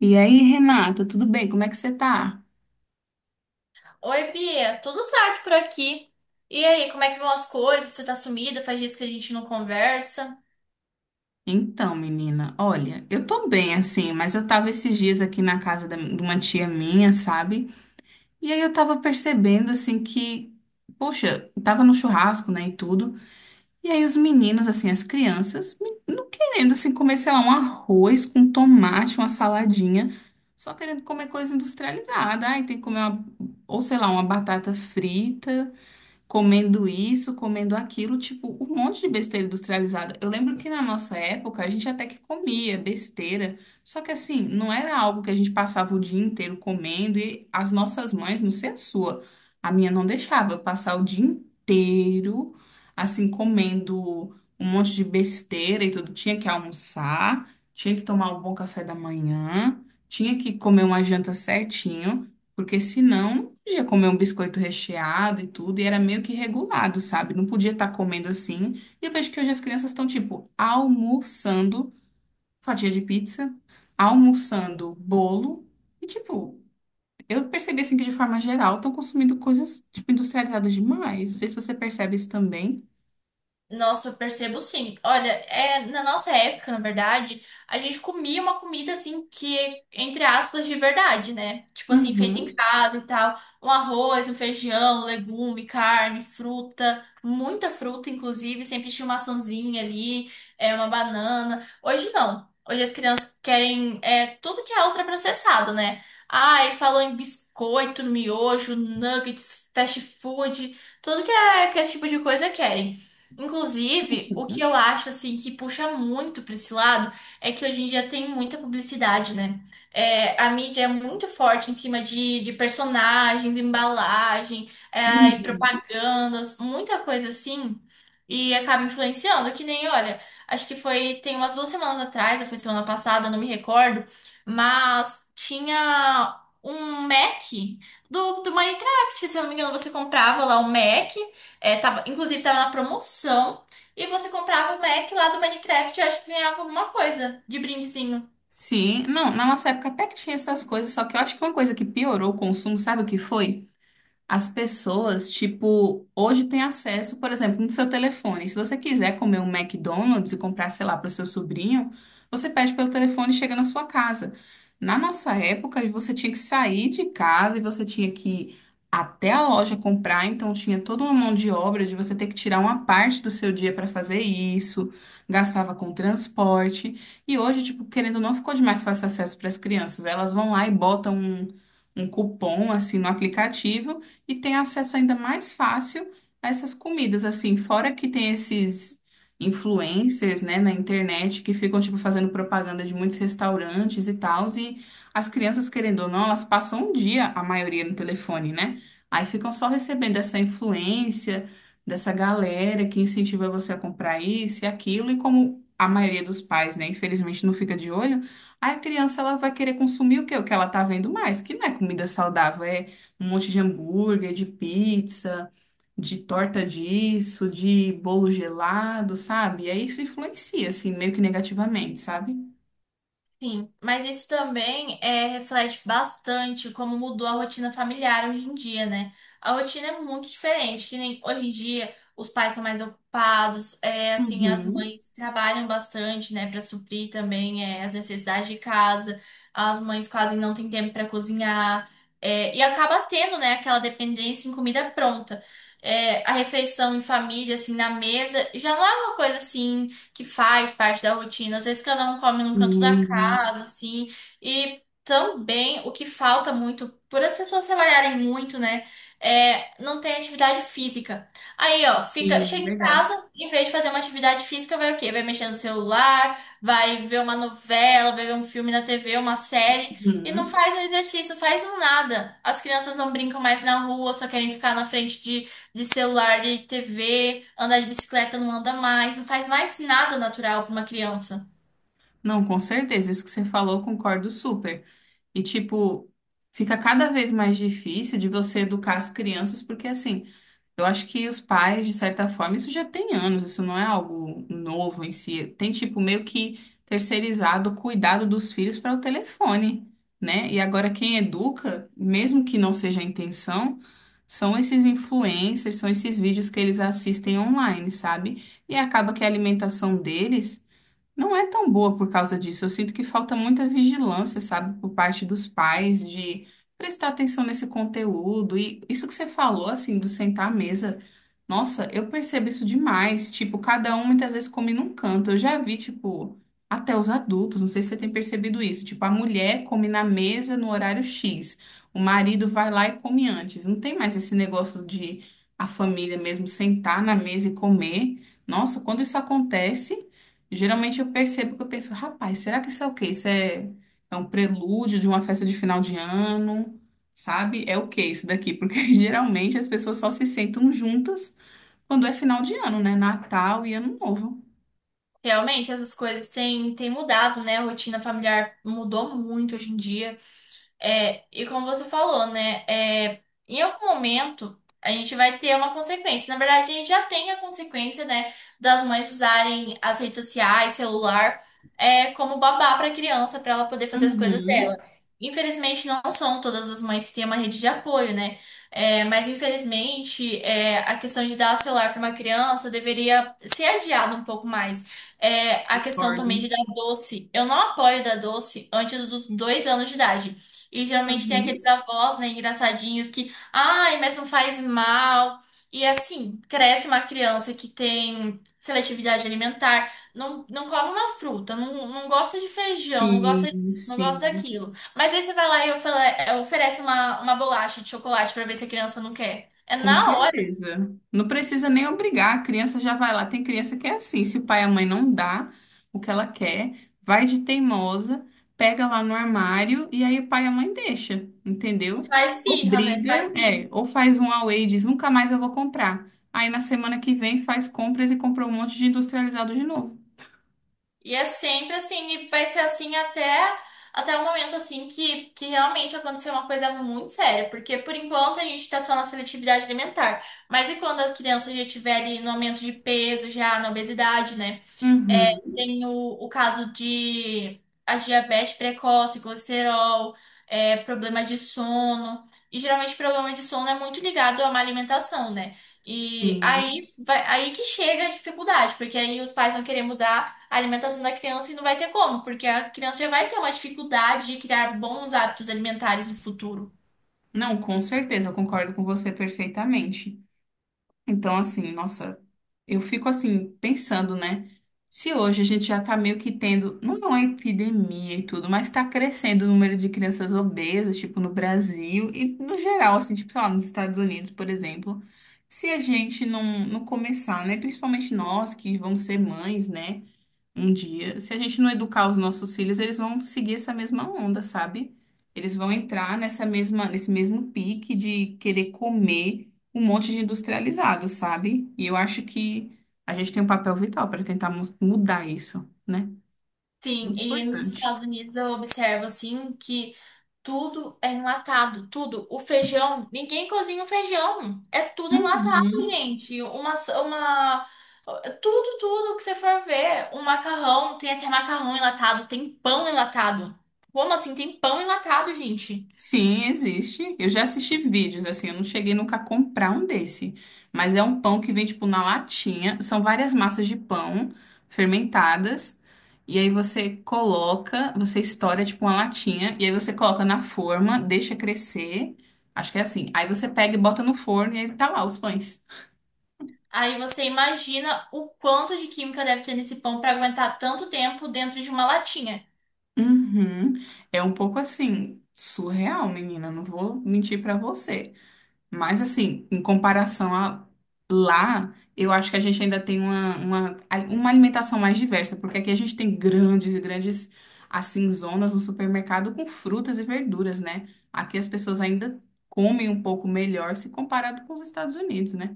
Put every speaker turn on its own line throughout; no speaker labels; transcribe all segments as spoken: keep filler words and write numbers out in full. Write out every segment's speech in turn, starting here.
E aí, Renata, tudo bem? Como é que você tá?
Oi, Bia, tudo certo por aqui? E aí, como é que vão as coisas? Você tá sumida? Faz dias que a gente não conversa.
Então, menina, olha, eu tô bem assim, mas eu tava esses dias aqui na casa da- de uma tia minha, sabe? E aí eu tava percebendo assim que, poxa, eu tava no churrasco, né, e tudo. E aí os meninos, assim, as crianças, me- não querendo assim comer, sei lá, um arroz com tomate, uma saladinha, só querendo comer coisa industrializada. Ai, tem que comer uma, ou sei lá, uma batata frita. Comendo isso, comendo aquilo, tipo, um monte de besteira industrializada. Eu lembro que na nossa época a gente até que comia besteira, só que assim, não era algo que a gente passava o dia inteiro comendo e as nossas mães, não sei a sua, a minha não deixava eu passar o dia inteiro assim comendo um monte de besteira e tudo, tinha que almoçar, tinha que tomar um bom café da manhã, tinha que comer uma janta certinho. Porque senão ia comer um biscoito recheado e tudo, e era meio que regulado, sabe? Não podia estar comendo assim. E eu vejo que hoje as crianças estão, tipo, almoçando fatia de pizza, almoçando bolo, e, tipo, eu percebi assim que de forma geral estão consumindo coisas, tipo, industrializadas demais. Não sei se você percebe isso também.
Nossa, eu percebo sim. Olha, é, na nossa época, na verdade, a gente comia uma comida assim que, entre aspas, de verdade, né? Tipo assim, feita em
Uhum.
casa e tal. Um arroz, um feijão, legume, carne, fruta, muita fruta, inclusive. Sempre tinha uma maçãzinha ali, é, uma banana. Hoje não. Hoje as crianças querem é, tudo que é ultraprocessado, né? Ai, falou em biscoito, miojo, nuggets, fast food, tudo que é que esse tipo de coisa querem. Inclusive, o que
Uhum,
eu acho assim que puxa muito para esse lado é que hoje em dia tem muita publicidade, né? É, a mídia é muito forte em cima de, de personagens, embalagem, é, e
uhum.
propagandas, muita coisa assim, e acaba influenciando. Que nem, olha, acho que foi tem umas duas semanas atrás, ou foi semana passada, não me recordo, mas tinha um Mac do, do Minecraft, se eu não me engano, você comprava lá um Mac. É, tava, inclusive tava na promoção. E você comprava o Mac lá do Minecraft, eu acho que ganhava alguma coisa de brindezinho.
Sim, não, na nossa época até que tinha essas coisas, só que eu acho que uma coisa que piorou o consumo, sabe o que foi? As pessoas, tipo, hoje têm acesso, por exemplo, no seu telefone. Se você quiser comer um McDonald's e comprar, sei lá, para o seu sobrinho, você pede pelo telefone e chega na sua casa. Na nossa época, você tinha que sair de casa e você tinha que ir até a loja comprar, então tinha toda uma mão de obra de você ter que tirar uma parte do seu dia para fazer isso, gastava com transporte. E hoje, tipo, querendo ou não, ficou de mais fácil acesso para as crianças. Elas vão lá e botam um um cupom assim no aplicativo e tem acesso ainda mais fácil a essas comidas, assim, fora que tem esses influencers, né, na internet que ficam, tipo, fazendo propaganda de muitos restaurantes e tal, e as crianças, querendo ou não, elas passam um dia, a maioria, no telefone, né? Aí ficam só recebendo essa influência dessa galera que incentiva você a comprar isso e aquilo, e como a maioria dos pais, né, infelizmente não fica de olho, aí a criança, ela vai querer consumir o quê? O que ela tá vendo mais, que não é comida saudável, é um monte de hambúrguer, de pizza, de torta disso, de bolo gelado, sabe? E aí isso influencia, assim, meio que negativamente, sabe?
Sim, mas isso também é, reflete bastante como mudou a rotina familiar hoje em dia, né? A rotina é muito diferente, que nem hoje em dia os pais são mais ocupados, é assim, as
Uhum.
mães trabalham bastante, né, para suprir também, é, as necessidades de casa, as mães quase não têm tempo para cozinhar, é, e acaba tendo, né, aquela dependência em comida pronta. É, a refeição em família, assim, na mesa, já não é uma coisa assim que faz parte da rotina. Às vezes cada um come num canto da
Sim,
casa, assim. E também o que falta muito, por as pessoas trabalharem muito, né? É, não tem atividade física. Aí, ó, fica,
sim,
chega em
verdade.
casa, em vez de fazer uma atividade física, vai o quê? Vai mexer no celular, vai ver uma novela, vai ver um filme na T V, uma série. E não
Uhum.
faz um exercício, faz um nada. As crianças não brincam mais na rua, só querem ficar na frente de celular, de T V, andar de bicicleta não anda mais, não faz mais nada natural para uma criança.
Não, com certeza, isso que você falou, eu concordo super. E, tipo, fica cada vez mais difícil de você educar as crianças, porque, assim, eu acho que os pais, de certa forma, isso já tem anos, isso não é algo novo em si. Tem, tipo, meio que terceirizado o cuidado dos filhos para o telefone, né? E agora quem educa, mesmo que não seja a intenção, são esses influencers, são esses vídeos que eles assistem online, sabe? E acaba que a alimentação deles não é tão boa por causa disso. Eu sinto que falta muita vigilância, sabe, por parte dos pais de prestar atenção nesse conteúdo. E isso que você falou, assim, do sentar à mesa, nossa, eu percebo isso demais. Tipo, cada um muitas vezes come num canto. Eu já vi, tipo, até os adultos, não sei se você tem percebido isso. Tipo, a mulher come na mesa no horário X, o marido vai lá e come antes. Não tem mais esse negócio de a família mesmo sentar na mesa e comer. Nossa, quando isso acontece. Geralmente eu percebo que eu penso, rapaz, será que isso é o quê? Isso é, é um prelúdio de uma festa de final de ano, sabe? É o quê isso daqui? Porque geralmente as pessoas só se sentam juntas quando é final de ano, né? Natal e Ano Novo.
Realmente, essas coisas têm, têm mudado, né? A rotina familiar mudou muito hoje em dia. É, e como você falou, né? É, em algum momento a gente vai ter uma consequência. Na verdade, a gente já tem a consequência, né? Das mães usarem as redes sociais, celular, é, como babá para a criança, para ela poder fazer as coisas dela.
Uhum,
Infelizmente, não são todas as mães que têm uma rede de apoio, né? É, mas infelizmente, é, a questão de dar celular para uma criança deveria ser adiada um pouco mais. É, a questão
concordo.
também de dar doce. Eu não apoio dar doce antes dos dois anos de idade. E geralmente tem aqueles
Uhum.
avós, né, engraçadinhos que, ai, mas não faz mal. E assim, cresce uma criança que tem seletividade alimentar, não, não come uma fruta, não, não gosta de feijão, não gosta
Sim,
disso, não gosta
sim.
daquilo. Mas aí você vai lá e ofele- é, oferece uma, uma bolacha de chocolate pra ver se a criança não quer. É
Com
na hora,
certeza. Não precisa nem obrigar, a criança já vai lá. Tem criança que é assim, se o pai e a mãe não dá o que ela quer, vai de teimosa, pega lá no armário e aí o pai e a mãe deixa, entendeu?
faz birra, né?
Obriga,
Faz birra.
é, ou faz um away e diz, nunca mais eu vou comprar. Aí na semana que vem faz compras e compra um monte de industrializado de novo.
E é sempre assim, e vai ser assim até, até o momento assim que, que realmente acontecer uma coisa muito séria, porque por enquanto a gente tá só na seletividade alimentar. Mas e quando a criança já estiver ali no aumento de peso, já na obesidade, né? É,
Uhum,
tem o, o caso de a diabetes precoce, colesterol, é, problema de sono. E geralmente problema de sono é muito ligado a uma alimentação, né? E
sim.
aí, vai, aí que chega a dificuldade, porque aí os pais vão querer mudar a alimentação da criança e não vai ter como, porque a criança já vai ter uma dificuldade de criar bons hábitos alimentares no futuro.
Não, com certeza, eu concordo com você perfeitamente. Então, assim, nossa, eu fico assim, pensando, né? Se hoje a gente já tá meio que tendo, não é uma epidemia e tudo, mas tá crescendo o número de crianças obesas, tipo, no Brasil e no geral, assim, tipo, sei lá, nos Estados Unidos, por exemplo. Se a gente não, não começar, né? Principalmente nós que vamos ser mães, né? Um dia. Se a gente não educar os nossos filhos, eles vão seguir essa mesma onda, sabe? Eles vão entrar nessa mesma, nesse mesmo pique de querer comer um monte de industrializado, sabe? E eu acho que a gente tem um papel vital para tentar mu- mudar isso, né?
Sim,
Muito
e nos
importante.
Estados Unidos eu observo assim que tudo é enlatado, tudo. O feijão, ninguém cozinha o feijão. É tudo enlatado,
Uhum.
gente. Uma, uma, tudo, tudo que você for ver. O macarrão, tem até macarrão enlatado, tem pão enlatado. Como assim? Tem pão enlatado, gente.
Sim, existe. Eu já assisti vídeos, assim, eu não cheguei nunca a comprar um desse. Mas é um pão que vem, tipo, na latinha. São várias massas de pão fermentadas. E aí você coloca, você estoura, tipo, uma latinha. E aí você coloca na forma, deixa crescer. Acho que é assim. Aí você pega e bota no forno e aí tá lá os pães.
Aí você imagina o quanto de química deve ter nesse pão para aguentar tanto tempo dentro de uma latinha.
Uhum. É um pouco assim, surreal, menina. Não vou mentir pra você. Mas assim, em comparação a lá, eu acho que a gente ainda tem uma, uma, uma alimentação mais diversa, porque aqui a gente tem grandes e grandes, assim, zonas no supermercado com frutas e verduras, né? Aqui as pessoas ainda comem um pouco melhor se comparado com os Estados Unidos, né?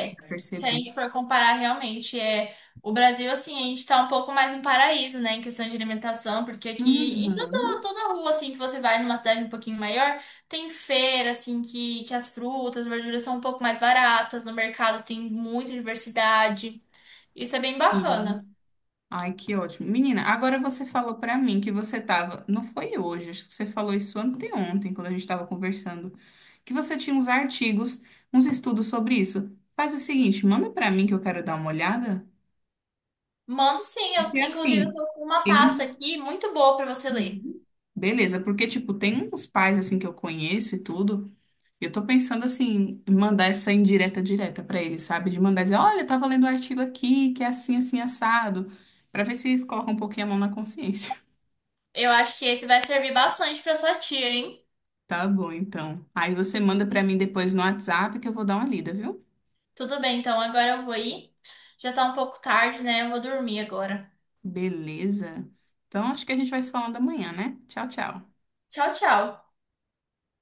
Eu
se a
percebi.
gente for comparar realmente, é, o Brasil, assim, a gente tá um pouco mais um paraíso, né, em questão de alimentação, porque
Uhum.
aqui, em toda, toda rua, assim, que você vai numa cidade um pouquinho maior, tem feira, assim, que, que as frutas, verduras são um pouco mais baratas, no mercado tem muita diversidade, isso é bem bacana.
Sim. Ai, que ótimo. Menina, agora você falou pra mim que você tava, não foi hoje, acho que você falou isso anteontem, quando a gente tava conversando, que você tinha uns artigos, uns estudos sobre isso. Faz o seguinte, manda pra mim que eu quero dar uma olhada,
Mando sim, eu,
porque
inclusive eu
assim,
tô com uma
tem...
pasta
um,
aqui muito boa pra você ler.
Uhum. Beleza, porque tipo, tem uns pais assim que eu conheço e tudo, e eu tô pensando assim, em mandar essa indireta direta pra eles, sabe? De mandar dizer, olha, eu tava lendo um artigo aqui, que é assim, assim, assado, pra ver se eles colocam um pouquinho a mão na consciência.
Eu acho que esse vai servir bastante pra sua tia, hein?
Tá bom, então. Aí você manda pra mim depois no WhatsApp que eu vou dar uma lida, viu?
Tudo bem, então agora eu vou ir. Já tá um pouco tarde, né? Eu vou dormir agora.
Beleza. Então acho que a gente vai se falando amanhã, né? Tchau, tchau.
Tchau, tchau.